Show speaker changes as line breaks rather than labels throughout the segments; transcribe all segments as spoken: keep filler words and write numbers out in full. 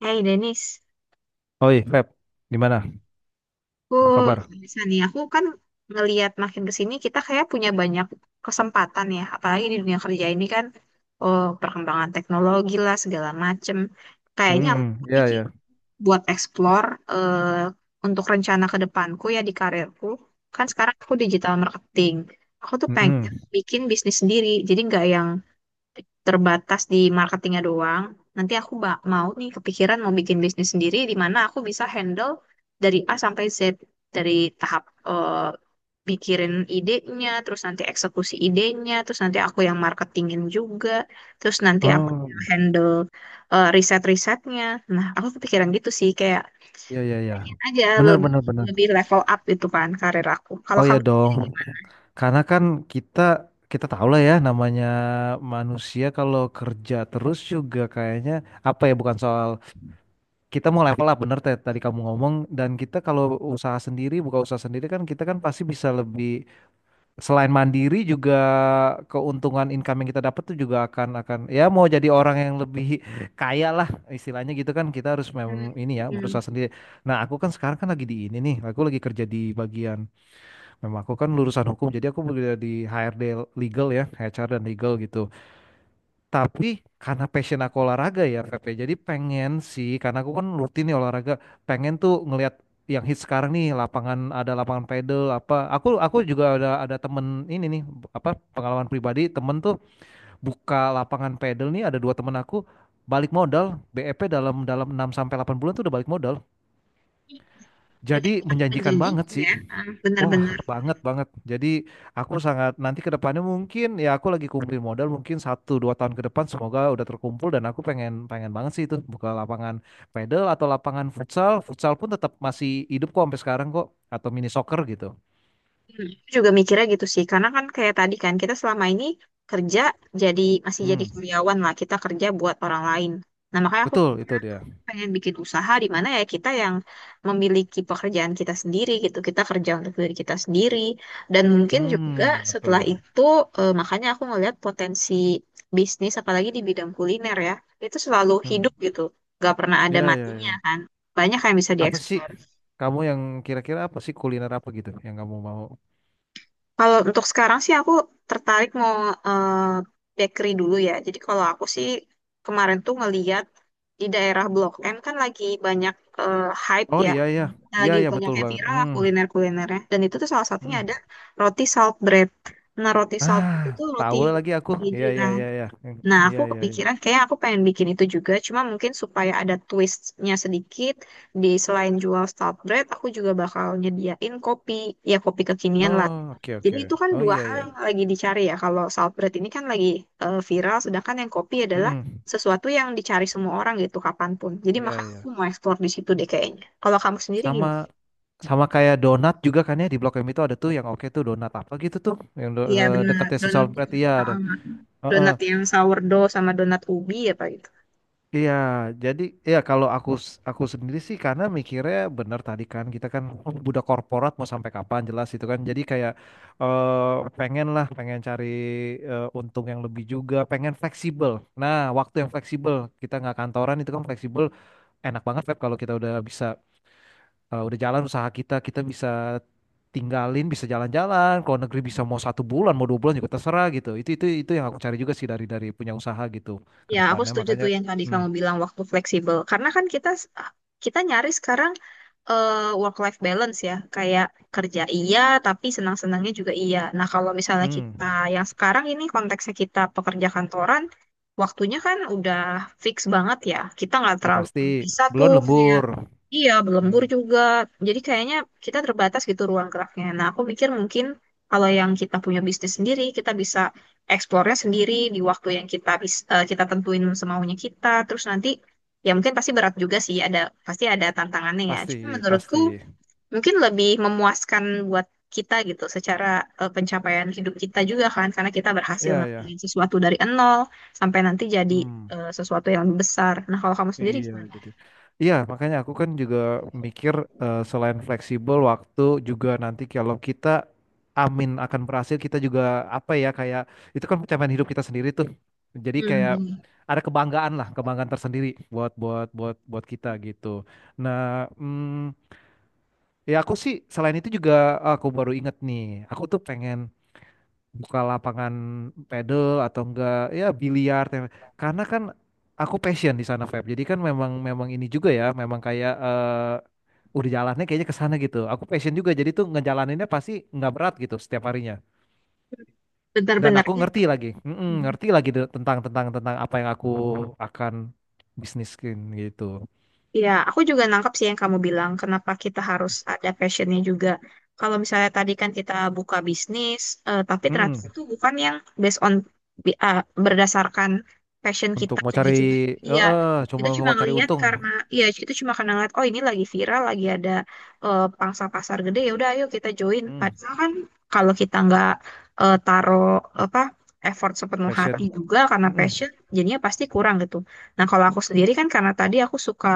Hey Denis,
Oi, Feb, gimana?
aku
Apa kabar?
bisa nih. Aku kan ngelihat makin ke sini kita kayak punya banyak kesempatan ya, apalagi di dunia kerja ini kan, oh perkembangan teknologi lah segala macem. Kayaknya aku
Hmm, ya
pikir
ya.
buat explore eh, untuk rencana ke depanku ya di karirku. Kan sekarang aku digital marketing. Aku tuh pengen
Mm-mm.
bikin bisnis sendiri, jadi nggak yang terbatas di marketingnya doang. Nanti aku ba- mau nih kepikiran mau bikin bisnis sendiri di mana aku bisa handle dari A sampai Z dari tahap eh, pikirin idenya, terus nanti eksekusi idenya, terus nanti aku yang marketingin juga, terus nanti aku
Oh,
yang handle eh, riset-risetnya. Nah, aku kepikiran gitu sih kayak
ya ya ya.
aja
Benar
lebih
benar benar.
lebih level up gitu kan karir aku. Kalau
Oh ya
kamu.
dong. Karena kan kita kita tahu lah ya namanya manusia kalau kerja terus juga kayaknya apa ya, bukan soal kita mau level up bener Ted, tadi kamu ngomong, dan kita kalau usaha sendiri, buka usaha sendiri kan kita kan pasti bisa lebih, selain mandiri juga keuntungan income yang kita dapat tuh juga akan akan ya mau jadi orang yang lebih kaya lah istilahnya gitu kan, kita harus
Hmm,
memang ini ya
hmm.
berusaha sendiri. Nah aku kan sekarang kan lagi di ini nih, aku lagi kerja di bagian, memang aku kan lulusan hukum jadi aku bekerja di H R D legal ya, H R dan legal gitu. Tapi karena passion aku olahraga ya, Feb, ya, jadi pengen sih, karena aku kan rutin nih olahraga, pengen tuh ngelihat yang hit sekarang nih, lapangan ada lapangan pedal apa. Aku aku juga ada ada temen ini nih, apa, pengalaman pribadi temen tuh buka lapangan pedal nih, ada dua temen aku balik modal B E P dalam dalam enam sampai delapan bulan tuh udah balik modal.
Berarti
Jadi
bukan
menjanjikan banget
menjanjikan
sih.
ya, ah,
Wah,
benar-benar.
banget banget. Jadi aku sangat nanti ke depannya mungkin ya, aku lagi kumpulin modal mungkin satu dua tahun ke depan semoga udah terkumpul, dan aku pengen pengen banget sih itu buka lapangan pedal atau lapangan futsal. Futsal pun tetap masih hidup kok sampai sekarang kok, atau mini soccer gitu.
Hmm. Juga mikirnya gitu sih karena kan kayak tadi kan kita selama ini kerja jadi masih jadi
Hmm,
karyawan lah, kita kerja buat orang lain. Nah, makanya aku
betul itu dia.
pengen bikin usaha di mana ya kita yang memiliki pekerjaan kita sendiri gitu, kita kerja untuk diri kita sendiri dan mungkin juga
Hmm, betul.
setelah itu eh, makanya aku ngelihat potensi bisnis apalagi di bidang kuliner ya, itu selalu
Hmm.
hidup gitu, gak pernah
Ya
ada
ya
matinya
ya.
kan, banyak yang bisa
Apa sih
dieksplor.
kamu yang kira-kira apa sih, kuliner apa gitu yang kamu mau?
Kalau untuk sekarang sih aku tertarik mau eh, bakery dulu ya. Jadi kalau aku sih kemarin tuh ngeliat di daerah Blok M kan lagi banyak eh, hype
Oh
ya.
iya iya.
Nah,
Iya
lagi
iya
banyak
betul
yang
banget.
viral lah
Hmm.
kuliner-kulinernya. Dan itu tuh salah satunya ada
Hmm.
roti salt bread. Nah, roti salt
Ah,
bread itu roti
tahu lah lagi aku.
keju
Iya, iya,
kan.
iya, iya. Hmm,
Nah, aku
iya, iya, iya.
kepikiran kayak aku pengen bikin itu juga. Cuma mungkin supaya ada twistnya sedikit. Di selain jual salt bread aku juga bakal nyediain kopi. Ya, kopi kekinian lah.
Oh, oke,
Jadi
oke.
itu kan
Oh,
dua
iya,
hal yang
iya.
lagi dicari ya. Kalau saltbread ini kan lagi eh, viral, sedangkan yang kopi adalah
Mm-mm.
sesuatu yang dicari semua orang gitu kapanpun. Jadi
Iya,
makanya aku
iya.
mau eksplor di situ deh kayaknya. Kalau kamu sendiri
Sama
gimana?
sama kayak donat juga kan ya, di Blok M itu ada tuh yang oke tuh donat apa gitu tuh, yang do-
Iya
eh,
benar,
dekatnya si
donat,
Solbret iya ada.
uh,
Heeh.
donat yang sourdough sama donat ubi apa gitu.
Iya, jadi ya kalau aku s- aku sendiri sih karena mikirnya benar tadi kan, kita kan oh, budak korporat mau sampai kapan, jelas itu kan. Jadi kayak eh, pengen lah, pengen cari eh, untung yang lebih juga, pengen fleksibel. Nah, waktu yang fleksibel, kita nggak kantoran itu kan fleksibel, enak banget Feb kalau kita udah bisa eh, udah jalan usaha kita, kita bisa tinggalin, bisa jalan-jalan. Kalau negeri bisa mau satu bulan, mau dua bulan juga terserah gitu. Itu itu itu yang aku cari juga sih, dari dari punya usaha gitu ke
Ya, aku
depannya.
setuju
Makanya,
tuh yang tadi
hmm,
kamu bilang waktu fleksibel. Karena kan kita kita nyari sekarang work life balance ya, kayak kerja iya tapi senang-senangnya juga iya. Nah, kalau misalnya kita
hmm.
yang sekarang ini konteksnya kita pekerja kantoran, waktunya kan udah fix banget ya. Kita nggak
Udah
terlalu
pasti.
bisa
Belum
tuh kayak.
lembur.
Iya,
Hmm,
berlembur juga. Jadi kayaknya kita terbatas gitu ruang geraknya. Nah, aku mikir mungkin kalau yang kita punya bisnis sendiri, kita bisa eksplornya sendiri di waktu yang kita bis- eh, kita tentuin semaunya kita. Terus nanti ya mungkin pasti berat juga sih, ada pasti ada tantangannya ya. Cuma
pasti,
menurutku
pasti.
mungkin lebih memuaskan buat kita gitu secara eh, pencapaian hidup kita juga kan karena kita berhasil
Iya, iya.
ngelakuin sesuatu dari nol sampai nanti jadi
Hmm,
eh, sesuatu yang lebih besar. Nah, kalau kamu sendiri
iya,
gimana?
jadi. Iya, makanya aku kan juga mikir eh, selain fleksibel waktu, juga nanti kalau kita amin akan berhasil, kita juga apa ya, kayak itu kan pencapaian hidup kita sendiri tuh. Jadi kayak
Hmm.
ada kebanggaan lah, kebanggaan tersendiri buat buat buat buat kita gitu. Nah, mm, ya aku sih selain itu juga, aku baru inget nih, aku tuh pengen buka lapangan pedal atau enggak ya biliar, tem- karena kan aku passion di sana Feb, jadi kan memang memang ini juga ya, memang kayak eh udah jalannya kayaknya ke sana gitu, aku passion juga jadi tuh ngejalaninnya pasti nggak berat gitu setiap harinya, dan
Benar-benar
aku
ya.
ngerti lagi, mm-mm,
Mhm.
ngerti lagi de- tentang tentang tentang apa yang aku akan bisniskin gitu.
Iya, aku juga nangkap sih yang kamu bilang, kenapa kita harus ada passionnya juga. Kalau misalnya tadi kan kita buka bisnis, eh, tapi ternyata
Mm-mm.
itu bukan yang based on bi- ah, berdasarkan passion kita.
Untuk mau cari
Kayak cuma,
eh
iya,
eh,
kita
cuma
cuma
mau cari
ngelihat
untung.
karena, iya itu cuma karena ngeliat, oh ini lagi viral, lagi ada eh, pangsa pasar gede, ya udah ayo kita join.
Mm,
Padahal kan kalau kita nggak eh, taruh apa effort sepenuh hati
passion.
juga karena
Mm-mm.
passion, jadinya pasti kurang gitu. Nah, kalau aku sendiri kan karena tadi aku suka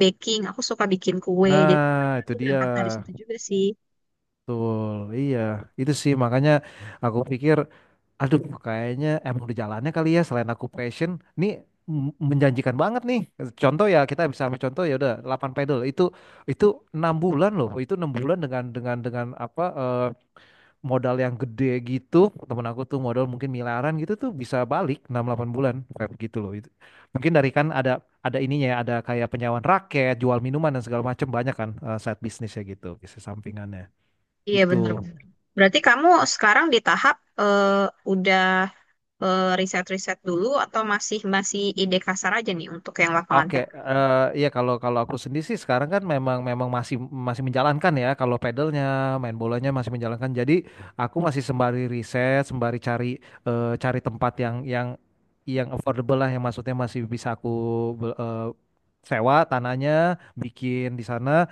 baking. Aku suka bikin kue. Jadi
Nah itu
aku
dia.
berangkat dari situ juga sih.
Betul, iya. Itu sih makanya aku pikir, aduh kayaknya emang udah jalannya kali ya, selain aku passion, ini m- menjanjikan banget nih. Contoh ya, kita bisa ambil contoh ya, udah delapan pedal itu itu enam bulan loh, itu enam bulan dengan dengan dengan apa, eh, modal yang gede gitu. Temen aku tuh modal mungkin miliaran gitu tuh bisa balik enam delapan bulan kayak begitu loh. Itu. Mungkin dari kan ada ada ininya ya, ada kayak penyewaan raket, jual minuman dan segala macam, banyak kan, eh, side bisnisnya gitu, bisnis sampingannya.
Iya
Gitu.
benar-benar. Berarti kamu sekarang di tahap eh, udah eh, riset-riset dulu atau masih masih ide kasar aja nih untuk yang lapangan.
Oke, eh iya kalau kalau aku sendiri sih sekarang kan memang memang masih masih menjalankan ya kalau pedalnya, main bolanya masih menjalankan. Jadi aku masih sembari riset, sembari cari eh, cari tempat yang yang yang affordable lah, yang maksudnya masih bisa aku be- eh, sewa tanahnya, bikin di sana.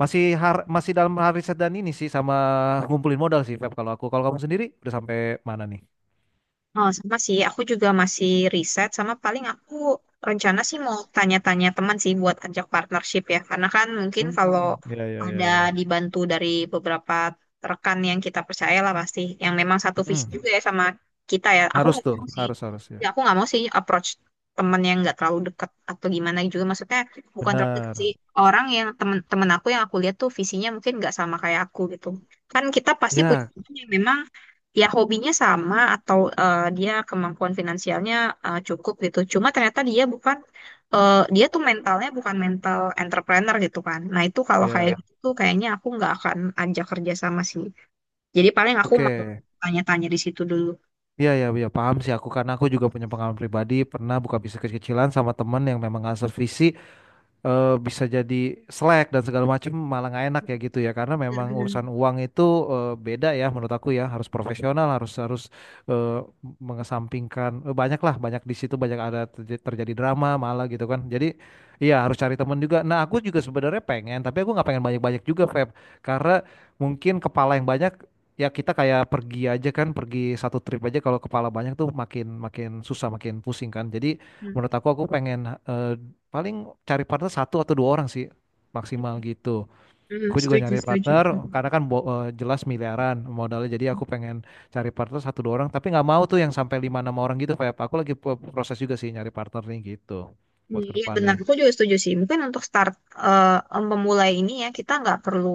Masih har, masih dalam hal riset dan ini sih, sama ngumpulin modal sih, Feb, kalau aku. Kalau kamu sendiri udah sampai mana nih?
Oh, sama sih. Aku juga masih riset sama paling aku rencana sih mau tanya-tanya teman sih buat ajak partnership ya. Karena kan mungkin kalau
Hmm, ya ya ya
ada
ya.
dibantu dari beberapa rekan yang kita percaya lah pasti. Yang memang satu visi
Mm-mm.
juga ya sama kita ya. Aku
Harus
nggak
tuh,
mau sih.
harus harus ya.
Ya, aku nggak mau sih approach teman yang nggak terlalu dekat atau gimana juga. Maksudnya bukan terlalu dekat
Benar.
sih. Orang yang teman-teman aku yang aku lihat tuh visinya mungkin nggak sama kayak aku gitu. Kan kita pasti punya
Ya,
teman yang memang ya hobinya sama atau eh, dia kemampuan finansialnya eh, cukup gitu. Cuma ternyata dia bukan eh, dia tuh mentalnya bukan mental entrepreneur gitu kan. Nah itu kalau kayak ya
ya.
gitu, kayaknya aku nggak akan ajak kerja sama sih. Jadi paling aku mau
Oke.
tanya-tanya di situ dulu.
Iya, ya, ya, paham sih aku, karena aku juga punya pengalaman pribadi pernah buka bisnis kecil-kecilan sama temen yang memang nggak sevisi, eh, bisa jadi selek dan segala macam, malah nggak enak ya gitu ya, karena memang
Benar-benar.
urusan uang itu eh, beda ya menurut aku ya, harus profesional, harus harus eh, mengesampingkan eh, banyak lah, banyak di situ, banyak ada terj- terjadi drama malah gitu kan, jadi iya harus cari teman juga. Nah aku juga sebenarnya pengen, tapi aku nggak pengen banyak-banyak juga Feb, karena mungkin kepala yang banyak ya, kita kayak pergi aja kan, pergi satu trip aja kalau kepala banyak tuh makin makin susah makin pusing kan. Jadi
Hmm.
menurut aku aku pengen eh, paling cari partner satu atau dua orang sih maksimal gitu.
Hmm,
Aku juga
setuju,
nyari
setuju.
partner,
Mm.
karena kan bo- eh, jelas miliaran modalnya, jadi aku pengen cari partner satu dua orang, tapi nggak mau tuh yang sampai lima enam orang gitu Feb. Aku lagi pro- proses juga sih nyari partner nih gitu
Hmm,
buat ke
iya benar,
depannya.
aku juga setuju sih. Mungkin untuk start eh, memulai ini ya kita nggak perlu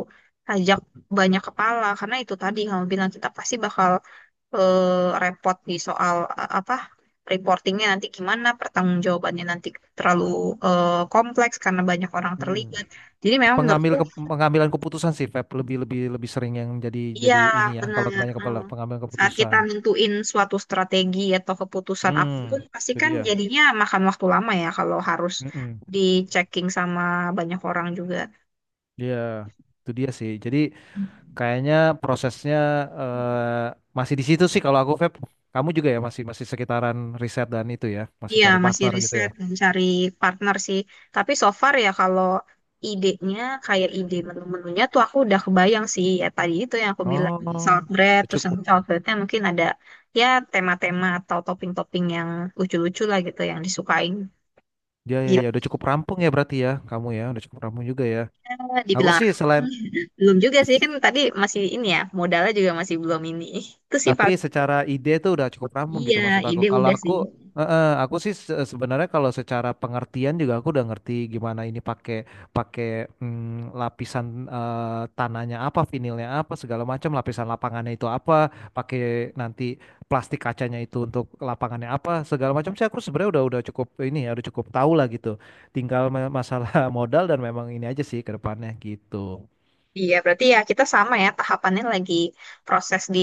ajak banyak kepala karena itu tadi kamu bilang kita pasti bakal eh, repot di soal a- apa reportingnya nanti gimana, pertanggungjawabannya nanti terlalu eh, kompleks karena banyak orang
Hmm.
terlibat. Jadi memang
Pengambil
menurutku
ke- pengambilan keputusan sih Feb, lebih lebih lebih sering yang jadi
iya
jadi ini ya, kalau
benar.
kebanyakan kepala
Mm.
pengambilan
Saat kita
keputusan.
nentuin suatu strategi atau keputusan
Hmm,
apapun, pasti
itu
kan
dia.
jadinya makan waktu lama ya kalau harus
Mm-mm.
di checking sama banyak orang juga.
Iya, itu dia sih. Jadi kayaknya prosesnya eh, masih di situ sih kalau aku Feb. Kamu juga ya, masih masih sekitaran riset dan itu ya, masih
Iya,
cari
masih
partner gitu ya.
riset dan cari partner sih. Tapi so far ya kalau idenya kayak ide menu-menunya tuh aku udah kebayang sih. Ya tadi itu yang aku bilang
Oh,
salad bread,
udah
terus
cukup.
nanti salad breadnya mungkin ada ya tema-tema atau topping-topping yang lucu-lucu lah gitu yang disukain.
Ya ya
Gitu
ya, udah cukup rampung ya berarti ya, kamu ya, udah cukup rampung juga ya. Aku
dibilang
sih
rapi.
selain.
Belum juga sih kan tadi masih ini ya modalnya juga masih belum ini. Itu sih
Tapi
paling
secara ide tuh udah cukup rampung gitu
iya
maksud aku.
ide
Kalau
udah
aku,
sih.
eh, eh, aku sih se- sebenarnya kalau secara pengertian juga aku udah ngerti gimana ini, pakai pakai mm, lapisan, eh, tanahnya apa, vinilnya apa, segala macam, lapisan lapangannya itu apa, pakai nanti plastik kacanya itu untuk lapangannya apa, segala macam sih, aku sebenarnya udah udah cukup ini ya, udah cukup tahu lah gitu. Tinggal ma- masalah modal dan memang ini aja sih ke depannya gitu.
Iya, berarti ya kita sama ya tahapannya lagi proses di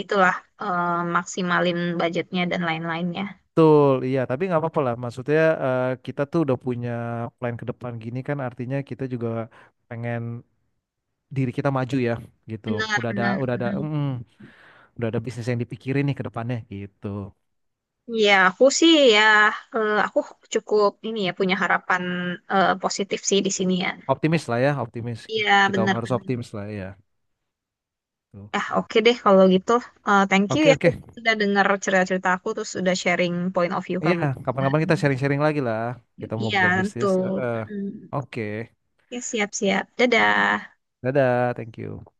itulah eh, maksimalin budgetnya dan lain-lainnya.
Betul, iya, tapi nggak apa-apa lah. Maksudnya eh, kita tuh udah punya plan ke depan gini kan, artinya kita juga pengen diri kita maju ya, gitu.
Benar,
Udah ada,
benar,
udah ada,
benar.
mm, udah ada bisnis yang dipikirin nih ke depannya, gitu.
Iya, aku sih ya eh, aku cukup ini ya punya harapan eh, positif sih di sini ya.
Optimis lah ya, optimis.
Iya,
Kita
benar,
harus
benar.
optimis lah ya. Tuh.
Ah, oke deh kalau gitu. Eh, thank you
Oke,
ya
oke.
sudah dengar cerita-cerita aku terus sudah sharing point of view
Iya,
kamu. Juga.
kapan-kapan kita sharing-sharing lagi lah. Kita mau
Iya,
buka
tentu.
bisnis. Eh, eh.
Mm.
Oke,
Oke, siap-siap. Dadah.
dadah, thank you.